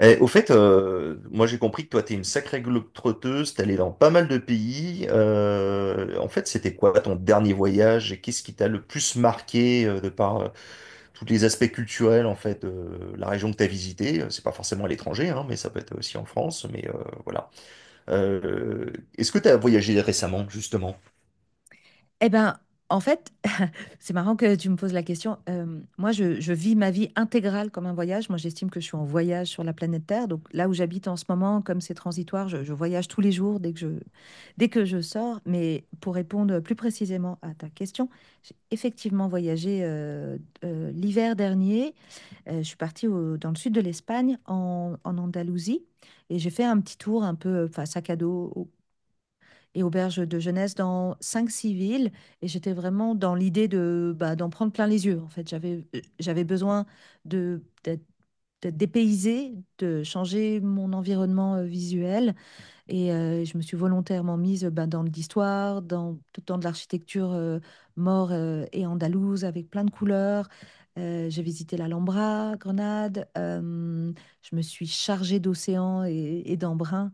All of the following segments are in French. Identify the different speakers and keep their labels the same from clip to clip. Speaker 1: Eh, au fait, moi j'ai compris que toi t'es une sacrée globe-trotteuse, t'es allé dans pas mal de pays. En fait, c'était quoi ton dernier voyage et qu'est-ce qui t'a le plus marqué, de par, tous les aspects culturels en fait de la région que t'as visitée? C'est pas forcément à l'étranger, hein, mais ça peut être aussi en France. Mais, voilà. Euh, Est-ce que t'as voyagé récemment justement?
Speaker 2: Eh ben, en fait, c'est marrant que tu me poses la question. Moi, je vis ma vie intégrale comme un voyage. Moi, j'estime que je suis en voyage sur la planète Terre. Donc là où j'habite en ce moment, comme c'est transitoire, je voyage tous les jours dès que je sors. Mais pour répondre plus précisément à ta question, j'ai effectivement voyagé l'hiver dernier. Je suis partie dans le sud de l'Espagne, en Andalousie, et j'ai fait un petit tour un peu, enfin, sac à dos, et auberge de jeunesse dans cinq 6 villes. Et j'étais vraiment dans l'idée de, bah, d'en prendre plein les yeux. En fait, j'avais besoin de, d'être, d'être dépaysée, de changer mon environnement visuel, et je me suis volontairement mise, ben, dans de l'histoire, dans de l'architecture maure et andalouse, avec plein de couleurs. J'ai visité l'Alhambra, Grenade. Je me suis chargée d'océan et d'embrun.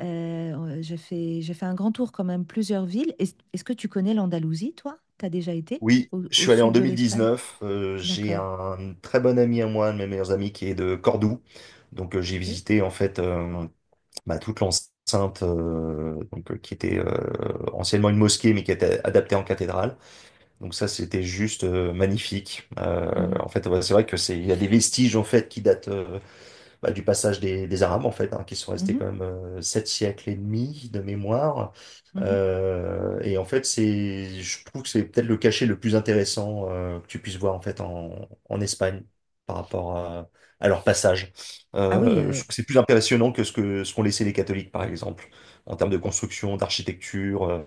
Speaker 2: J'ai fait un grand tour quand même, plusieurs villes. Est-ce que tu connais l'Andalousie, toi? Tu as déjà été
Speaker 1: Oui, je
Speaker 2: au
Speaker 1: suis allé en
Speaker 2: sud de l'Espagne?
Speaker 1: 2019. J'ai
Speaker 2: D'accord.
Speaker 1: un très bon ami à moi, un de mes meilleurs amis qui est de Cordoue. Donc, j'ai
Speaker 2: Ok.
Speaker 1: visité en fait. Bah, toute l'enceinte, donc, qui était, anciennement une mosquée mais qui était adaptée en cathédrale. Donc ça c'était juste, magnifique.
Speaker 2: Mhm,
Speaker 1: En fait, ouais, c'est vrai que c'est il y a des vestiges en fait qui datent, bah, du passage des Arabes, en fait, hein, qui sont restés
Speaker 2: mhm,
Speaker 1: quand même, 7 siècles et demi de mémoire.
Speaker 2: mhm.
Speaker 1: Et en fait, c'est, je trouve que c'est peut-être le cachet le plus intéressant, que tu puisses voir en fait en, en Espagne par rapport à leur passage.
Speaker 2: Ah oui,
Speaker 1: Je
Speaker 2: euh,
Speaker 1: trouve que c'est plus impressionnant que ce qu'ont laissé les catholiques, par exemple, en termes de construction, d'architecture, euh,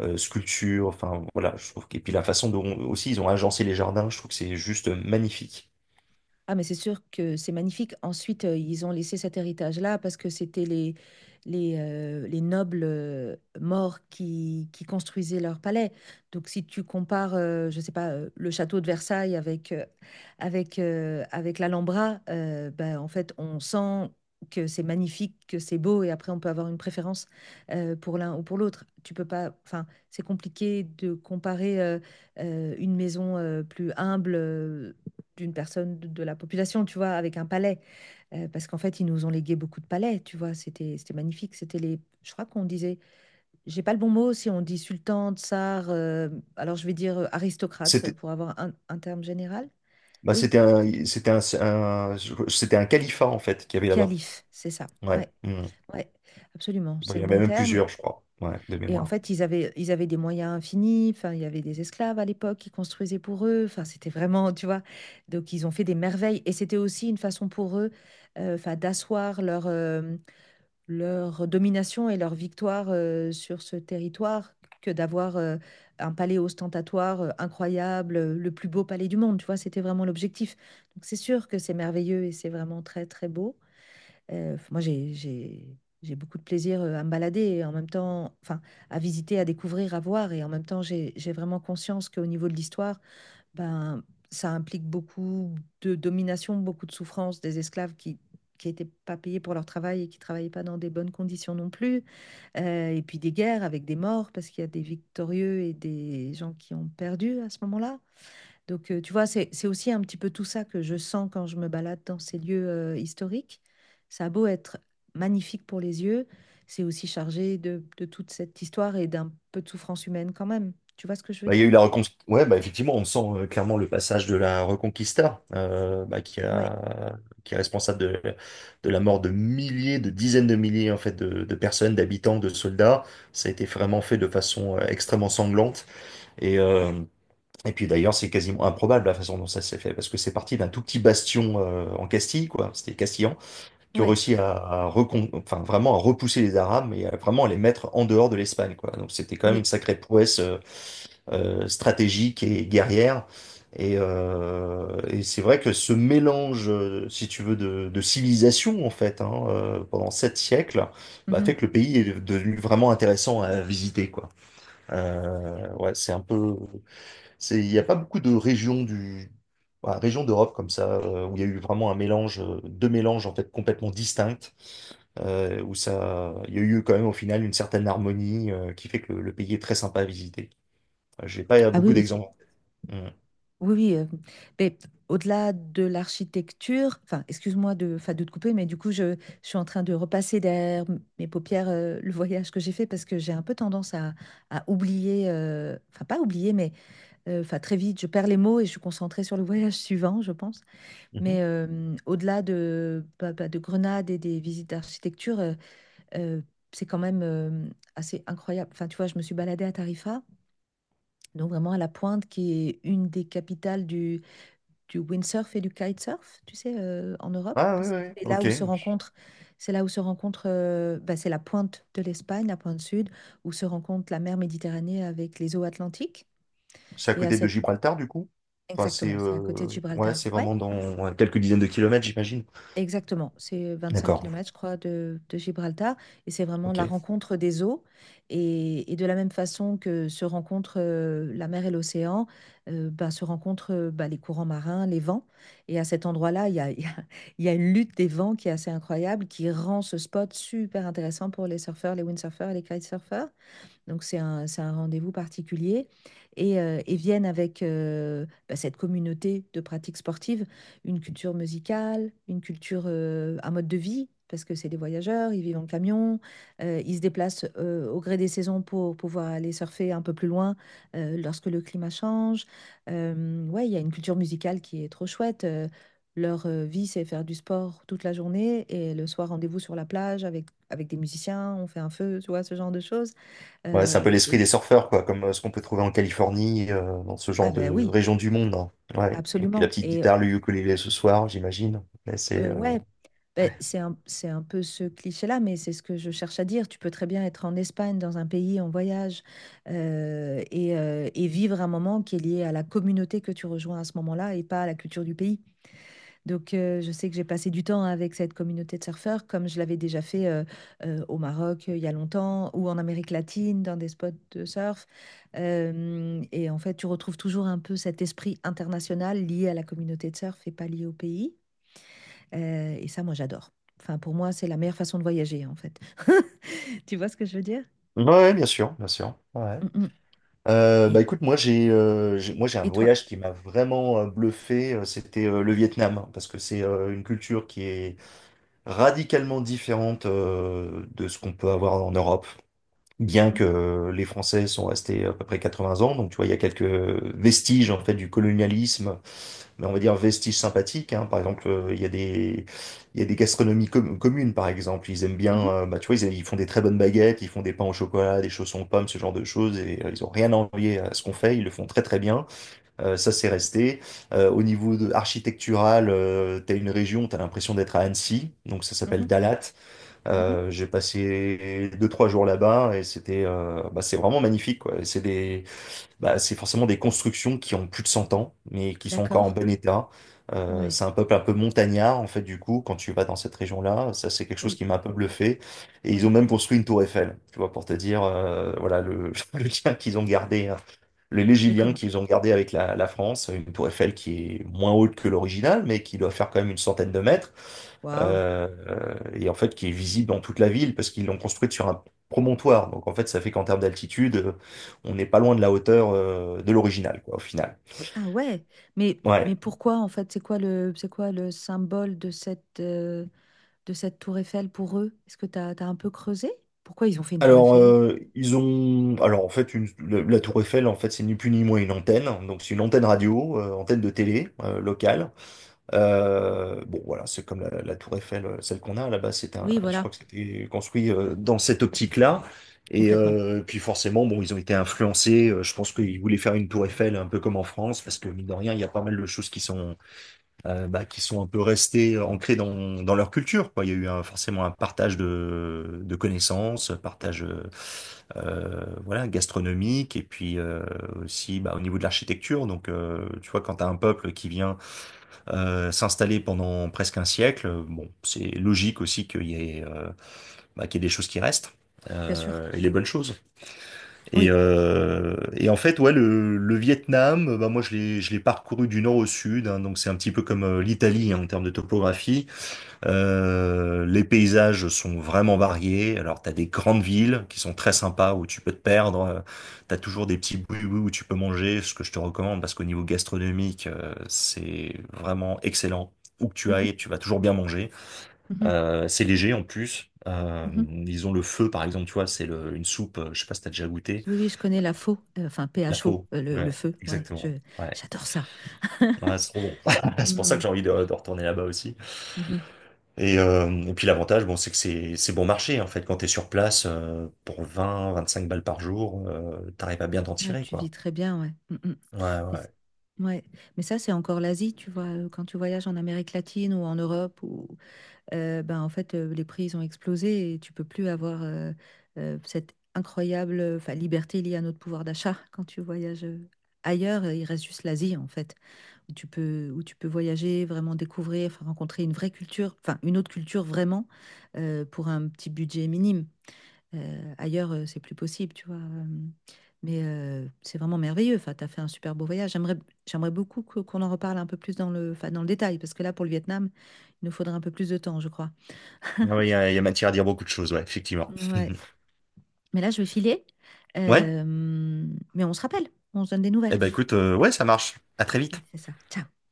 Speaker 1: euh, sculpture. Enfin, voilà, et puis la façon dont aussi ils ont agencé les jardins, je trouve que c'est juste magnifique.
Speaker 2: Ah, mais c'est sûr que c'est magnifique. Ensuite, ils ont laissé cet héritage-là, parce que c'était les nobles morts qui construisaient leur palais. Donc, si tu compares, je sais pas, le château de Versailles avec, avec l'Alhambra, ben, en fait, on sent que c'est magnifique, que c'est beau, et après, on peut avoir une préférence pour l'un ou pour l'autre. Tu peux pas, enfin, c'est compliqué de comparer une maison plus humble, d'une personne de la population, tu vois, avec un palais. Parce qu'en fait, ils nous ont légué beaucoup de palais, tu vois? C'était magnifique. C'était les Je crois qu'on disait, j'ai pas le bon mot, si on dit sultan, tsar, alors je vais dire aristocrate
Speaker 1: C'était-
Speaker 2: pour avoir un terme général.
Speaker 1: Bah,
Speaker 2: Oui,
Speaker 1: c'était un califat, en fait, qu'il y avait là-bas.
Speaker 2: calife, c'est ça.
Speaker 1: Ouais.
Speaker 2: Ouais,
Speaker 1: Mm.
Speaker 2: ouais, absolument,
Speaker 1: Bon,
Speaker 2: c'est
Speaker 1: il y
Speaker 2: le
Speaker 1: en avait
Speaker 2: bon
Speaker 1: même
Speaker 2: terme.
Speaker 1: plusieurs, je crois. Ouais, de
Speaker 2: Et en
Speaker 1: mémoire.
Speaker 2: fait, ils avaient des moyens infinis, enfin, il y avait des esclaves à l'époque qui construisaient pour eux, enfin, c'était vraiment, tu vois? Donc ils ont fait des merveilles, et c'était aussi une façon pour eux, enfin, d'asseoir leur domination et leur victoire sur ce territoire que d'avoir un palais ostentatoire incroyable, le plus beau palais du monde, tu vois, c'était vraiment l'objectif. Donc c'est sûr que c'est merveilleux, et c'est vraiment très très beau. Moi, j'ai beaucoup de plaisir à me balader, et en même temps, enfin, à visiter, à découvrir, à voir, et en même temps j'ai vraiment conscience qu'au niveau de l'histoire, ben, ça implique beaucoup de domination, beaucoup de souffrance des esclaves qui n'étaient pas payés pour leur travail, et qui travaillaient pas dans des bonnes conditions non plus. Et puis des guerres avec des morts, parce qu'il y a des victorieux et des gens qui ont perdu à ce moment-là. Donc, tu vois, c'est aussi un petit peu tout ça que je sens quand je me balade dans ces lieux historiques. Ça a beau être magnifique pour les yeux, c'est aussi chargé de toute cette histoire, et d'un peu de souffrance humaine quand même. Tu vois ce que je veux
Speaker 1: Bah, il y a eu
Speaker 2: dire?
Speaker 1: la reconquista. Ouais, bah, effectivement, on sent, clairement le passage de la Reconquista, bah, qui
Speaker 2: Ouais,
Speaker 1: a, qui est responsable de la mort de milliers, de dizaines de milliers, en fait, de personnes, d'habitants, de soldats. Ça a été vraiment fait de façon, extrêmement sanglante. Et, euh, et puis d'ailleurs, c'est quasiment improbable la façon dont ça s'est fait, parce que c'est parti d'un tout petit bastion, en Castille, quoi. C'était Castille qui ont
Speaker 2: ouais,
Speaker 1: réussi enfin, vraiment à repousser les Arabes et à vraiment les mettre en dehors de l'Espagne, quoi. Donc c'était quand même une
Speaker 2: oui.
Speaker 1: sacrée prouesse, stratégique et guerrière. Et c'est vrai que ce mélange, si tu veux, de civilisation, en fait, hein, pendant 7 siècles, bah, fait que
Speaker 2: Mhm.
Speaker 1: le pays est devenu vraiment intéressant à visiter, quoi. Ouais, c'est un peu c'est, il n'y a pas beaucoup de régions du, voilà, régions d'Europe comme ça, où il y a eu vraiment un mélange, deux mélanges en fait complètement distincts, où ça, il y a eu quand même au final une certaine harmonie, qui fait que le pays est très sympa à visiter. Enfin, j'ai pas
Speaker 2: Ah oui,
Speaker 1: beaucoup
Speaker 2: oui,
Speaker 1: d'exemples. Mm.
Speaker 2: oui, oui. Mais au-delà de l'architecture, enfin, excuse-moi de, enfin, de te couper, mais du coup, je suis en train de repasser derrière mes paupières le voyage que j'ai fait, parce que j'ai un peu tendance à oublier, enfin, pas oublier, mais enfin, très vite, je perds les mots, et je suis concentrée sur le voyage suivant, je pense.
Speaker 1: Mhm.
Speaker 2: Mais, au-delà bah, bah, de Grenade, et des visites d'architecture, euh, c'est quand même, assez incroyable. Enfin, tu vois, je me suis baladée à Tarifa, donc vraiment à la pointe, qui est une des capitales du windsurf et du kitesurf, tu sais, en Europe,
Speaker 1: Ah oui,
Speaker 2: parce que
Speaker 1: oui,
Speaker 2: c'est là
Speaker 1: ok.
Speaker 2: où se rencontrent, c'est là où se rencontre, bah, c'est la pointe de l'Espagne, la pointe sud, où se rencontre la mer Méditerranée avec les eaux atlantiques.
Speaker 1: C'est à
Speaker 2: Et à
Speaker 1: côté de
Speaker 2: cette,
Speaker 1: Gibraltar du coup? Enfin, c'est,
Speaker 2: Exactement, c'est à côté de
Speaker 1: ouais,
Speaker 2: Gibraltar.
Speaker 1: c'est
Speaker 2: Ouais.
Speaker 1: vraiment dans, ouais, quelques dizaines de kilomètres, j'imagine.
Speaker 2: Exactement, c'est 25
Speaker 1: D'accord,
Speaker 2: kilomètres, je crois, de Gibraltar. Et c'est vraiment la
Speaker 1: ok.
Speaker 2: rencontre des eaux. Et, de la même façon que se rencontrent la mer et l'océan, ben, se rencontrent ben, les courants marins, les vents. Et à cet endroit-là, il y a une lutte des vents qui est assez incroyable, qui rend ce spot super intéressant pour les surfeurs, les windsurfers et les kitesurfers. Donc c'est un rendez-vous particulier. Viennent avec bah, cette communauté de pratiques sportives, une culture musicale, un mode de vie, parce que c'est des voyageurs, ils vivent en camion, ils se déplacent au gré des saisons pour pouvoir aller surfer un peu plus loin lorsque le climat change. Ouais, il y a une culture musicale qui est trop chouette. Leur vie, c'est faire du sport toute la journée, et le soir, rendez-vous sur la plage avec, des musiciens, on fait un feu, tu vois, ce genre de choses.
Speaker 1: Ouais, c'est un peu
Speaker 2: Euh,
Speaker 1: l'esprit
Speaker 2: c'est-
Speaker 1: des surfeurs, quoi, comme, ce qu'on peut trouver en Californie, dans ce
Speaker 2: ah
Speaker 1: genre
Speaker 2: ben
Speaker 1: de
Speaker 2: oui,
Speaker 1: région du monde, hein. Ouais. Et puis la
Speaker 2: absolument.
Speaker 1: petite
Speaker 2: Et
Speaker 1: guitare, le ukulélé ce soir, j'imagine. Mais c'est,
Speaker 2: euh, ouais, ben, c'est un peu ce cliché-là, mais c'est ce que je cherche à dire. Tu peux très bien être en Espagne, dans un pays en voyage, et vivre un moment qui est lié à la communauté que tu rejoins à ce moment-là, et pas à la culture du pays. Donc, je sais que j'ai passé du temps avec cette communauté de surfeurs, comme je l'avais déjà fait au Maroc il y a longtemps, ou en Amérique latine, dans des spots de surf. Et en fait, tu retrouves toujours un peu cet esprit international lié à la communauté de surf, et pas lié au pays. Et ça, moi, j'adore. Enfin, pour moi, c'est la meilleure façon de voyager, en fait. Tu vois ce que je veux dire?
Speaker 1: ouais, ouais, bien sûr, bien sûr. Ouais.
Speaker 2: Mm, mm.
Speaker 1: Bah
Speaker 2: Et,
Speaker 1: écoute, moi j'ai un
Speaker 2: et toi?
Speaker 1: voyage qui m'a vraiment, bluffé, c'était, le Vietnam, hein, parce que c'est, une culture qui est radicalement différente, de ce qu'on peut avoir en Europe. Bien que,
Speaker 2: Mhm,
Speaker 1: les Français sont restés à peu près 80 ans, donc tu vois, il y a quelques vestiges en fait du colonialisme mais on va dire vestiges sympathiques, hein. Par exemple, il y a des, il y a des gastronomies communes, par exemple. Ils aiment bien,
Speaker 2: mhm,
Speaker 1: bah, tu vois, ils font des très bonnes baguettes, ils font des pains au chocolat, des chaussons aux pommes, ce genre de choses. Et, ils ont rien à envier à ce qu'on fait. Ils le font très très bien. Ça, c'est resté. Au niveau de, architectural, t'as une région, t'as l'impression d'être à Annecy. Donc ça
Speaker 2: mhm,
Speaker 1: s'appelle Dalat.
Speaker 2: mhm.
Speaker 1: J'ai passé deux trois jours là-bas et c'était, bah, c'est vraiment magnifique, quoi. C'est des Bah, c'est forcément des constructions qui ont plus de 100 ans, mais qui sont encore en
Speaker 2: D'accord?
Speaker 1: bon état.
Speaker 2: Ouais,
Speaker 1: C'est un peuple un peu montagnard, en fait, du coup, quand tu vas dans cette région-là, ça c'est quelque chose
Speaker 2: oui,
Speaker 1: qui m'a un peu bluffé. Et ils ont
Speaker 2: oui.
Speaker 1: même construit une tour Eiffel, tu vois, pour te dire, voilà, le lien qu'ils ont gardé, hein, le
Speaker 2: Mais
Speaker 1: légilien
Speaker 2: comment?
Speaker 1: qu'ils ont gardé avec la France, une tour Eiffel qui est moins haute que l'original, mais qui doit faire quand même une centaine de mètres,
Speaker 2: Waouh!
Speaker 1: et en fait qui est visible dans toute la ville parce qu'ils l'ont construite sur un promontoire. Donc en fait, ça fait qu'en termes d'altitude, on n'est pas loin de la hauteur, de l'original, quoi, au final.
Speaker 2: Ah ouais, mais
Speaker 1: Ouais.
Speaker 2: pourquoi en fait, c'est quoi le symbole de cette, de cette tour Eiffel pour eux? T'as un peu creusé? Pourquoi ils ont fait une tour
Speaker 1: Alors,
Speaker 2: Eiffel?
Speaker 1: ils ont, alors en fait, la Tour Eiffel, en fait, c'est ni plus ni moins une antenne. Donc c'est une antenne radio, antenne de télé, locale. Bon, voilà, c'est comme la tour Eiffel, celle qu'on a là-bas, c'est un,
Speaker 2: Oui,
Speaker 1: je
Speaker 2: voilà,
Speaker 1: crois que c'était construit, dans cette optique-là. Et,
Speaker 2: complètement,
Speaker 1: puis forcément, bon, ils ont été influencés. Je pense qu'ils voulaient faire une tour Eiffel un peu comme en France, parce que mine de rien, il y a pas mal de choses qui sont, bah, qui sont un peu restées, ancrées dans leur culture, quoi. Il y a eu forcément un partage de connaissances, partage, voilà, gastronomique, et puis, aussi bah, au niveau de l'architecture. Donc, tu vois, quand tu as un peuple qui vient, s'installer pendant presque un siècle. Bon, c'est logique aussi qu'il y ait, bah, qu'il y ait des choses qui restent.
Speaker 2: bien sûr.
Speaker 1: Et les bonnes choses. Et,
Speaker 2: Oui.
Speaker 1: euh, et en fait, ouais, le Vietnam, bah moi je l'ai parcouru du nord au sud, hein, donc c'est un petit peu comme, l'Italie, hein, en termes de topographie. Les paysages sont vraiment variés. Alors, tu as des grandes villes qui sont très sympas où tu peux te perdre. Tu as toujours des petits bouis-bouis où tu peux manger, ce que je te recommande parce qu'au niveau gastronomique, c'est vraiment excellent. Où que tu
Speaker 2: Mhm,
Speaker 1: ailles, tu vas toujours bien manger.
Speaker 2: mhm,
Speaker 1: C'est léger en plus.
Speaker 2: mhm.
Speaker 1: Ils ont le feu, par exemple, tu vois, c'est une soupe, je sais pas si t'as déjà goûté.
Speaker 2: Oui, oui, je connais la faux, enfin
Speaker 1: La
Speaker 2: PHO,
Speaker 1: faux.
Speaker 2: euh, le,
Speaker 1: Ouais,
Speaker 2: feu, ouais,
Speaker 1: exactement. Ouais,
Speaker 2: j'adore ça.
Speaker 1: ouais, c'est trop bon. C'est pour ça que
Speaker 2: Mhm,
Speaker 1: j'ai envie de retourner là-bas aussi.
Speaker 2: mhm.
Speaker 1: Et puis l'avantage, bon, c'est que c'est bon marché en fait. Quand t'es sur place, pour vingt, vingt-cinq balles par jour, t'arrives à bien t'en
Speaker 2: Ouais,
Speaker 1: tirer,
Speaker 2: tu vis
Speaker 1: quoi.
Speaker 2: très bien, ouais. Mhm.
Speaker 1: Ouais,
Speaker 2: Mais, c-
Speaker 1: ouais.
Speaker 2: ouais. Mais ça, c'est encore l'Asie, tu vois, quand tu voyages en Amérique latine ou en Europe, ou ben, en fait, les prix, ils ont explosé, et tu peux plus avoir cette incroyable enfin, liberté liée à notre pouvoir d'achat quand tu voyages ailleurs. Il reste juste l'Asie, en fait, où tu peux, voyager, vraiment découvrir, enfin, rencontrer une vraie culture, enfin, une autre culture vraiment, pour un petit budget minime. Ailleurs, c'est plus possible, tu vois. Mais, c'est vraiment merveilleux. Enfin, tu as fait un super beau voyage. J'aimerais beaucoup qu'on en reparle un peu plus enfin, dans le détail, parce que là, pour le Vietnam, il nous faudrait un peu plus de temps, je crois.
Speaker 1: Ouais, ouais, il y a matière à dire beaucoup de choses, ouais, effectivement.
Speaker 2: Ouais. Mais là, je vais filer.
Speaker 1: Ouais.
Speaker 2: Euh, mais on se rappelle, on se donne des nouvelles.
Speaker 1: Eh ben écoute, ouais, ça marche. À très
Speaker 2: On
Speaker 1: vite.
Speaker 2: fait ça. Ciao.